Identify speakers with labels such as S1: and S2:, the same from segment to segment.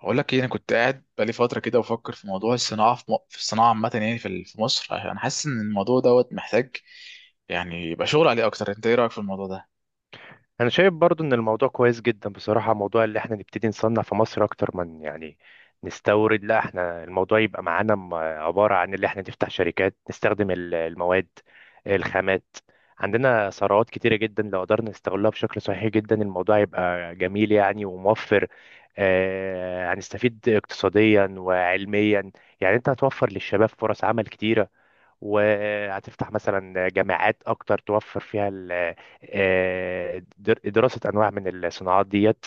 S1: هقول لك ايه. انا كنت قاعد بقالي فتره كده بفكر في موضوع الصناعه في الصناعه عامه، يعني في مصر. انا حاسس ان الموضوع دوت محتاج يعني يبقى شغل عليه اكتر. انت ايه رايك في الموضوع ده؟
S2: انا شايف برضو ان الموضوع كويس جدا بصراحة. موضوع اللي احنا نبتدي نصنع في مصر اكتر من يعني نستورد. لا، احنا الموضوع يبقى معانا عبارة عن اللي احنا نفتح شركات نستخدم المواد، الخامات. عندنا ثروات كتيرة جدا، لو قدرنا نستغلها بشكل صحيح جدا الموضوع يبقى جميل يعني، وموفر. هنستفيد اقتصاديا وعلميا. يعني انت هتوفر للشباب فرص عمل كتيرة، وهتفتح مثلا جامعات اكتر توفر فيها دراسة انواع من الصناعات ديت.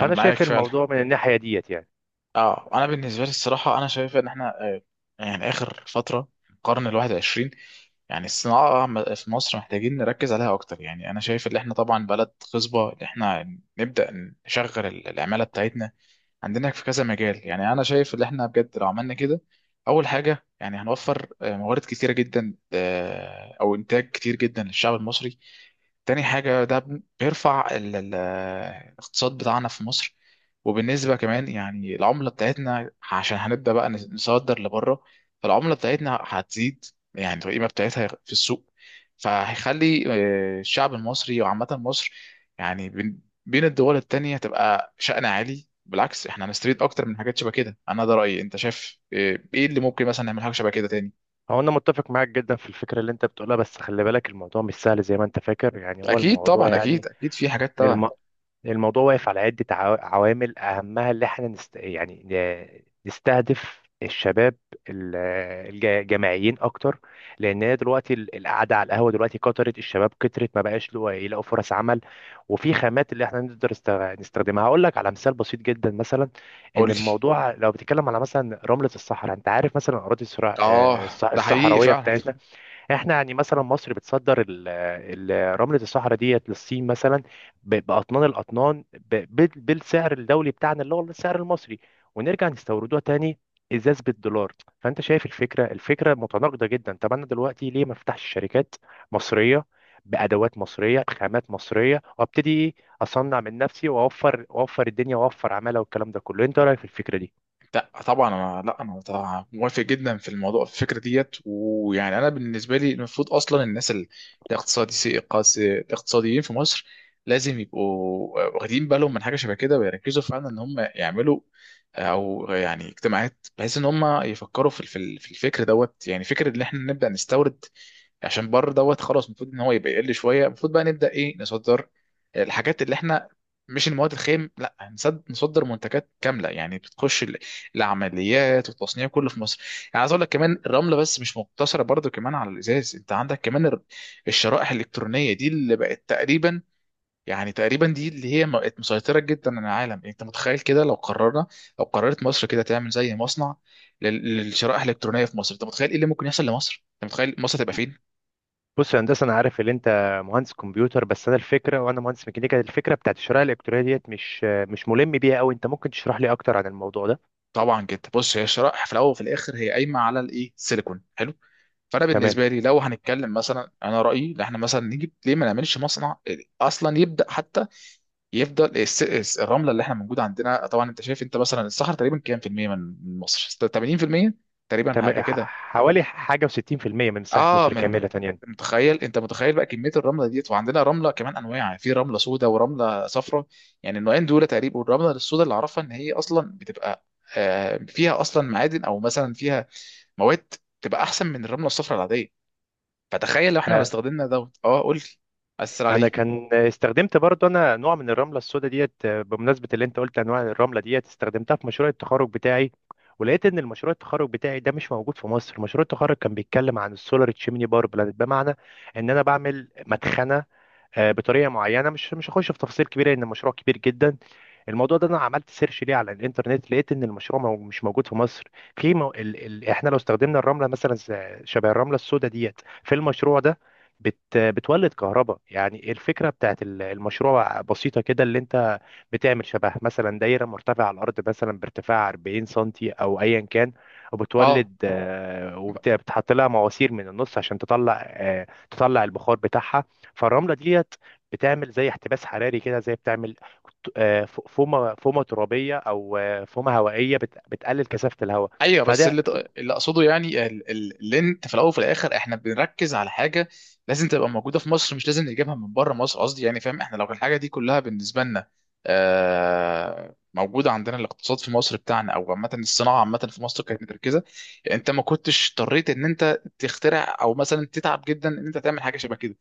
S1: انا معاك
S2: شايف
S1: فعلا.
S2: الموضوع من الناحية ديت يعني.
S1: اه، انا بالنسبه لي الصراحه انا شايف ان احنا يعني اخر فتره القرن 21، يعني الصناعه في مصر محتاجين نركز عليها اكتر. يعني انا شايف ان احنا طبعا بلد خصبه، ان احنا نبدا نشغل العماله بتاعتنا. عندنا في كذا مجال. يعني انا شايف ان احنا بجد لو عملنا كده، اول حاجه يعني هنوفر موارد كتيره جدا، او انتاج كتير جدا للشعب المصري. تاني حاجه ده بيرفع الاقتصاد بتاعنا في مصر. وبالنسبه كمان يعني العمله بتاعتنا، عشان هنبدا بقى نصدر لبره، فالعمله بتاعتنا هتزيد يعني القيمه بتاعتها في السوق. فهيخلي الشعب المصري وعامه مصر يعني بين بين الدول التانية تبقى شأن عالي. بالعكس احنا هنستفيد اكتر من حاجات شبه كده. انا ده رايي، انت شايف ايه؟ إيه اللي ممكن مثلا نعمل حاجه شبه كده تاني؟
S2: هو انا متفق معاك جدا في الفكرة اللي انت بتقولها، بس خلي بالك الموضوع مش سهل زي ما انت فاكر. يعني هو
S1: اكيد
S2: الموضوع
S1: طبعا،
S2: يعني
S1: اكيد في حاجات طبعا.
S2: الم... الموضوع واقف على عدة عوامل، أهمها اللي احنا نستهدف الشباب ال- الجامعيين أكتر. لأن هي دلوقتي القعدة على القهوة دلوقتي كترت، الشباب كترت ما بقاش يلاقوا فرص عمل. وفي خامات اللي احنا نقدر نستخدمها. هقول لك على مثال بسيط جدا مثلا،
S1: قول
S2: إن
S1: لي.
S2: الموضوع لو بتتكلم على مثلا رملة الصحراء. أنت عارف مثلا أراضي
S1: اه، ده حقيقي
S2: الصحراوية
S1: فعلا.
S2: بتاعتنا؟ احنا يعني مثلا مصر بتصدر رملة الصحراء ديت للصين مثلا، بأطنان الأطنان، بالسعر الدولي بتاعنا اللي هو السعر المصري، ونرجع نستوردوها تاني ازاز بالدولار. فانت شايف الفكره متناقضه جدا. طب انا دلوقتي ليه ما افتحش شركات مصريه، بادوات مصريه، بخامات مصريه، وابتدي ايه اصنع من نفسي، واوفر، واوفر الدنيا، واوفر عماله، والكلام ده كله؟ انت رايك في الفكره دي؟
S1: لا طبعا، انا لا انا طبعاً موافق جدا في الموضوع، في الفكره ديت. ويعني انا بالنسبه لي المفروض اصلا الناس الاقتصادي، الاقتصاديين في مصر لازم يبقوا واخدين بالهم من حاجه شبه كده، ويركزوا فعلا ان هم يعملوا او يعني اجتماعات بحيث ان هم يفكروا في الفكر دوت. يعني فكره ان احنا نبدا نستورد عشان بره دوت خلاص، المفروض ان هو يبقى يقل شويه. المفروض بقى نبدا ايه، نصدر الحاجات اللي احنا، مش المواد الخام، لا، نصدر منتجات كامله، يعني بتخش العمليات والتصنيع كله في مصر. يعني عايز اقول لك كمان الرمله بس مش مقتصره برضو كمان على الازاز، انت عندك كمان الشرائح الالكترونيه دي اللي بقت تقريبا، يعني تقريبا دي اللي هي بقت مسيطره جدا على العالم. يعني انت متخيل كده لو قررنا، لو قررت مصر كده تعمل زي مصنع للشرائح الالكترونيه في مصر، انت متخيل ايه اللي ممكن يحصل لمصر؟ انت متخيل مصر تبقى فين؟
S2: بص يا هندسه، انا عارف ان انت مهندس كمبيوتر، بس انا الفكره، وانا مهندس ميكانيكا الفكره بتاعت الشرائح الالكترونيه ديت مش ملم بيها قوي. انت ممكن تشرح لي اكتر عن الموضوع ده؟
S1: طبعا جدا. بص، هي الشرائح في الاول وفي الاخر هي قايمه على الايه، السيليكون. حلو. فانا
S2: تمام.
S1: بالنسبه لي لو هنتكلم مثلا، انا رايي ان احنا مثلا نجيب، ليه ما نعملش مصنع اصلا يبدا حتى يفضل الرمله اللي احنا موجوده عندنا. طبعا انت شايف، انت مثلا الصحراء تقريبا كام في الميه من من مصر؟ 80% تقريبا،
S2: تمام
S1: حاجه
S2: ح-
S1: كده.
S2: حوالي حاجه و60% من مساحه
S1: اه،
S2: مصر
S1: من
S2: كامله يعني.
S1: متخيل، انت متخيل بقى كميه الرمله ديت؟ وعندنا رمله كمان انواع، في رمله سوداء ورمله صفراء. يعني النوعين دول تقريبا، والرمله السوداء اللي اعرفها ان هي اصلا بتبقى فيها اصلا معادن، او مثلا فيها مواد تبقى احسن من الرمله الصفراء العاديه. فتخيل لو احنا لو
S2: آه،
S1: استخدمنا دوت. اه قول لي. اثر
S2: انا
S1: عليه.
S2: كان استخدمت برضه انا نوع من الرمله السوداء ديت، بمناسبه اللي انت قلت انواع الرمله ديت، استخدمتها في مشروع التخرج بتاعي. ولقيت ان المشروع التخرج بتاعي ده مش موجود في مصر. مشروع التخرج كان بيتكلم عن السولار تشيمني بار بلانت، بمعنى ان انا بعمل مدخنه بطريقه معينه. مش هخش في تفاصيل كبيره لان المشروع كبير جدا. الموضوع ده انا عملت سيرش ليه على الانترنت، لقيت ان المشروع مش موجود في مصر. في مو... ال... ال... احنا لو استخدمنا الرمله مثلا شبه الرمله السوداء ديت في المشروع ده بتولد كهرباء. يعني الفكره بتاعت المشروع بسيطه كده، اللي انت بتعمل شبه مثلا دايره مرتفعه على الارض مثلا بارتفاع 40 سنتي او ايا كان،
S1: اه،
S2: وبتولد آه، وبتحط لها مواسير من النص عشان تطلع، تطلع البخار بتاعها. فالرمله ديت بتعمل زي احتباس حراري كده، زي بتعمل فومه ترابيه، او فومه هوائيه بتقلل كثافه الهواء.
S1: ايوه. بس
S2: فده
S1: اللي اللي اقصده يعني اللي انت في الاول وفي الاخر احنا بنركز على حاجه لازم تبقى موجوده في مصر، مش لازم نجيبها من بره مصر، قصدي يعني فاهم؟ احنا لو الحاجه دي كلها بالنسبه لنا موجوده عندنا، الاقتصاد في مصر بتاعنا او عامه الصناعه عامه في مصر كانت متركزه، انت ما كنتش اضطريت ان انت تخترع او مثلا تتعب جدا ان انت تعمل حاجه شبه كده.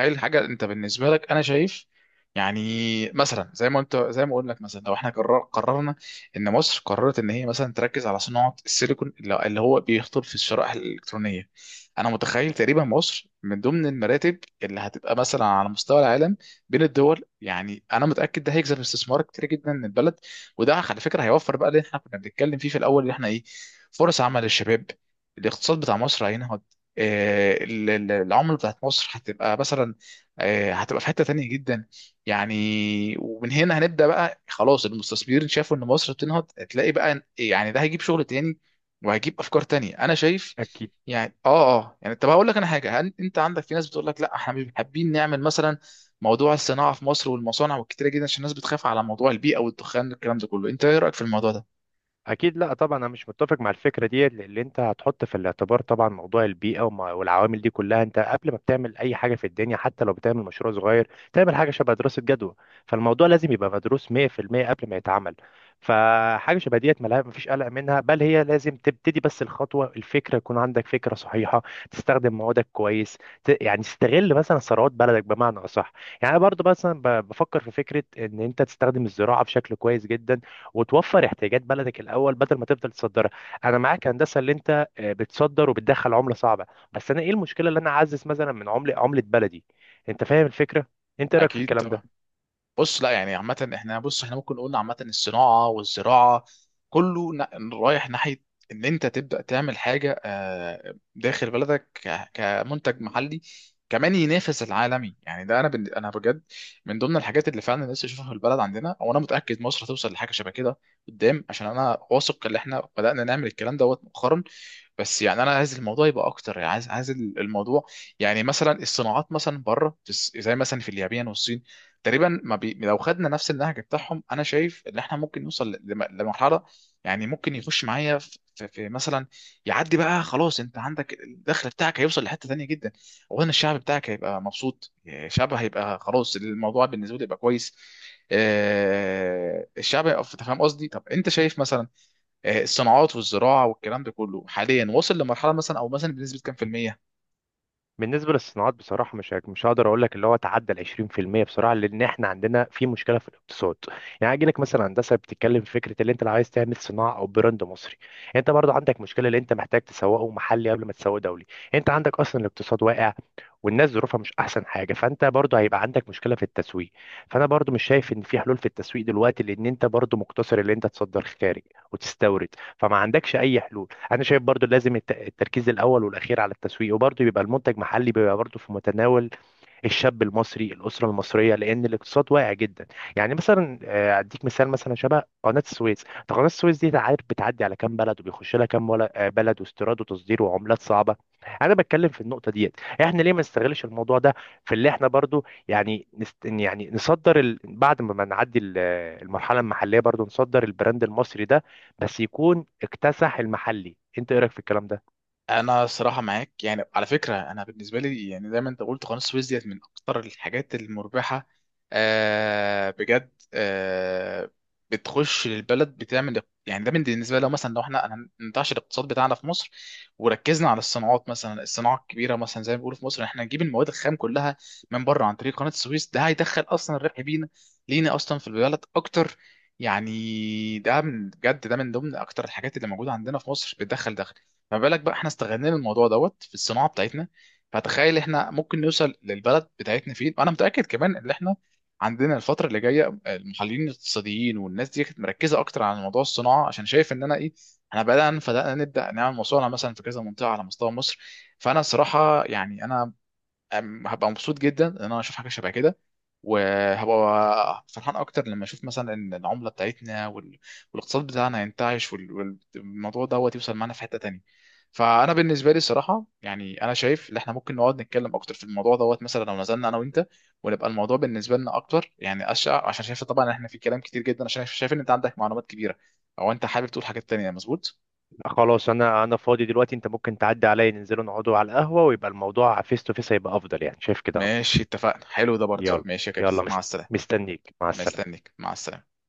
S1: ايه الحاجه انت بالنسبه لك؟ انا شايف يعني، مثلا زي ما انت، زي ما اقول لك مثلا لو احنا قررنا، ان مصر قررت ان هي مثلا تركز على صناعه السيليكون اللي اللي هو بيخطر في الشرائح الالكترونيه، انا متخيل تقريبا مصر من ضمن المراتب اللي هتبقى مثلا على مستوى العالم بين الدول. يعني انا متاكد ده هيجذب استثمار كتير جدا من البلد، وده على فكره هيوفر بقى اللي احنا كنا بنتكلم فيه في الاول، اللي احنا ايه، فرص عمل للشباب. الاقتصاد بتاع مصر هينهض، العمله بتاعت مصر هتبقى مثلا هتبقى في حتة تانية جدا يعني. ومن هنا هنبدأ بقى خلاص، المستثمرين شافوا ان مصر بتنهض، هتلاقي بقى يعني ده هيجيب شغل تاني، وهيجيب افكار تانية، انا شايف
S2: أكيد.
S1: يعني. اه يعني طب هقول لك انا حاجة، انت عندك في ناس بتقول لك لا احنا مش حابين نعمل مثلا موضوع الصناعة في مصر والمصانع والكتيرة جدا، عشان الناس بتخاف على موضوع البيئة والدخان والكلام ده كله. انت ايه رأيك في الموضوع ده؟
S2: اكيد، لا طبعا انا مش متفق مع الفكره دي. اللي انت هتحط في الاعتبار طبعا موضوع البيئه والعوامل دي كلها. انت قبل ما بتعمل اي حاجه في الدنيا، حتى لو بتعمل مشروع صغير، تعمل حاجه شبه دراسه جدوى. فالموضوع لازم يبقى مدروس 100% قبل ما يتعمل. فحاجه شبه ديت مفيش قلق منها، بل هي لازم تبتدي، بس الخطوه الفكره يكون عندك فكره صحيحه، تستخدم موادك كويس، يعني تستغل مثلا ثروات بلدك بمعنى اصح. يعني أنا برضو مثلا بفكر في فكره ان انت تستخدم الزراعه بشكل كويس جدا، وتوفر احتياجات بلدك الاول بدل ما تفضل تصدرها. انا معاك هندسه اللي انت بتصدر وبتدخل عمله صعبه، بس انا ايه المشكله اللي انا اعزز مثلا من عمله، عمله بلدي. انت فاهم الفكره؟ انت إيه رايك في
S1: اكيد
S2: الكلام ده؟
S1: طبعا. بص، لا يعني عامة احنا، بص احنا ممكن نقول عامة الصناعة والزراعة كله رايح ناحية ان انت تبدأ تعمل حاجة داخل بلدك كمنتج محلي كمان ينافس العالمي. يعني ده انا انا بجد من ضمن الحاجات اللي فعلا لسه اشوفها في البلد عندنا، وانا متأكد مصر هتوصل لحاجة شبه كده قدام، عشان انا واثق ان احنا بدأنا نعمل الكلام دوت مؤخرا. بس يعني انا عايز الموضوع يبقى اكتر، يعني عايز الموضوع يعني مثلا الصناعات مثلا بره زي مثلا في اليابان والصين تقريبا. ما بي... لو خدنا نفس النهج بتاعهم انا شايف ان احنا ممكن نوصل لمرحله يعني ممكن يخش معايا في, في في مثلا يعدي بقى خلاص. انت عندك الدخل بتاعك هيوصل لحته تانيه جدا. اولا الشعب بتاعك هيبقى مبسوط، الشعب هيبقى خلاص الموضوع بالنسبه له يبقى كويس. أنت فاهم قصدي؟ طب انت شايف مثلا الصناعات والزراعه والكلام ده كله حاليا وصل لمرحله مثلا، او مثلا بنسبه كام في الميه؟
S2: بالنسبة للصناعات بصراحة، مش هقدر أقول لك اللي هو تعدى ال 20% بصراحة، لأن إحنا عندنا في مشكلة في الاقتصاد. يعني هاجي لك مثلا هندسة، بتتكلم في فكرة اللي أنت لو عايز تعمل صناعة أو براند مصري، أنت برضو عندك مشكلة اللي أنت محتاج تسوقه محلي قبل ما تسوقه دولي. أنت عندك أصلا الاقتصاد واقع، والناس ظروفها مش أحسن حاجة، فأنت برضو هيبقى عندك مشكلة في التسويق. فأنا برضو مش شايف إن في حلول في التسويق دلوقتي، لأن أنت برضو مقتصر اللي أنت تصدر خارج وتستورد، فما عندكش أي حلول. انا شايف برضو لازم التركيز الاول والاخير على التسويق، وبرضو يبقى المنتج محلي بيبقى برضو في متناول الشاب المصري، الاسره المصريه، لان الاقتصاد واقع جدا. يعني مثلا اديك مثال مثلا شبه قناه السويس. طب قناه السويس دي عارف بتعدي على كام بلد، وبيخش لها كام بلد، واستيراد وتصدير وعملات صعبه. انا بتكلم في النقطه ديت، احنا ليه ما نستغلش الموضوع ده في اللي احنا برضو يعني نصدر، بعد ما نعدي المرحله المحليه برضو نصدر البراند المصري ده، بس يكون اكتسح المحلي. انت ايه رايك في الكلام ده؟
S1: انا صراحه معاك، يعني على فكره انا بالنسبه لي يعني زي ما انت قلت قناه السويس ديت من اكتر الحاجات المربحه، آه بجد آه، بتخش للبلد بتعمل. يعني ده من بالنسبه لو مثلا لو احنا ننتعش الاقتصاد بتاعنا في مصر وركزنا على الصناعات، مثلا الصناعه الكبيره مثلا زي ما بيقولوا في مصر احنا نجيب المواد الخام كلها من بره عن طريق قناه السويس، ده هيدخل اصلا الربح لينا اصلا في البلد اكتر. يعني ده من بجد ده من ضمن اكتر الحاجات اللي موجوده عندنا في مصر بتدخل دخل. فما بالك بقى احنا استغلينا الموضوع دوت في الصناعه بتاعتنا؟ فتخيل احنا ممكن نوصل للبلد بتاعتنا فين. وانا متاكد كمان ان احنا عندنا الفتره اللي جايه المحللين الاقتصاديين والناس دي كانت مركزه اكتر على موضوع الصناعه، عشان شايف ان انا ايه، احنا بدانا نبدا نعمل مصانع مثلا في كذا منطقه على مستوى مصر. فانا الصراحه يعني انا هبقى مبسوط جدا ان انا اشوف حاجه شبه كده، وهبقى فرحان اكتر لما اشوف مثلا ان العمله بتاعتنا والاقتصاد بتاعنا ينتعش والموضوع دوت يوصل معانا في حته تانية. فانا بالنسبه لي الصراحه يعني انا شايف ان احنا ممكن نقعد نتكلم اكتر في الموضوع دوت، مثلا لو نزلنا انا وانت ونبقى الموضوع بالنسبه لنا اكتر يعني. عشان شايف طبعا إن احنا في كلام كتير جدا، عشان شايف ان انت عندك معلومات كبيره، او انت حابب تقول حاجات تانية. مظبوط،
S2: خلاص، انا فاضي دلوقتي. انت ممكن تعدي عليا، ننزلوا نقعدوا على القهوة، ويبقى الموضوع فيس تو فيس، هيبقى افضل يعني. شايف كده افضل.
S1: ماشي اتفقنا. حلو ده برضه،
S2: يلا،
S1: ماشي يا كامل،
S2: يلا يلا،
S1: مع
S2: ماشي.
S1: السلامه.
S2: مستنيك، مع السلامة.
S1: مستنيك، مع السلامه.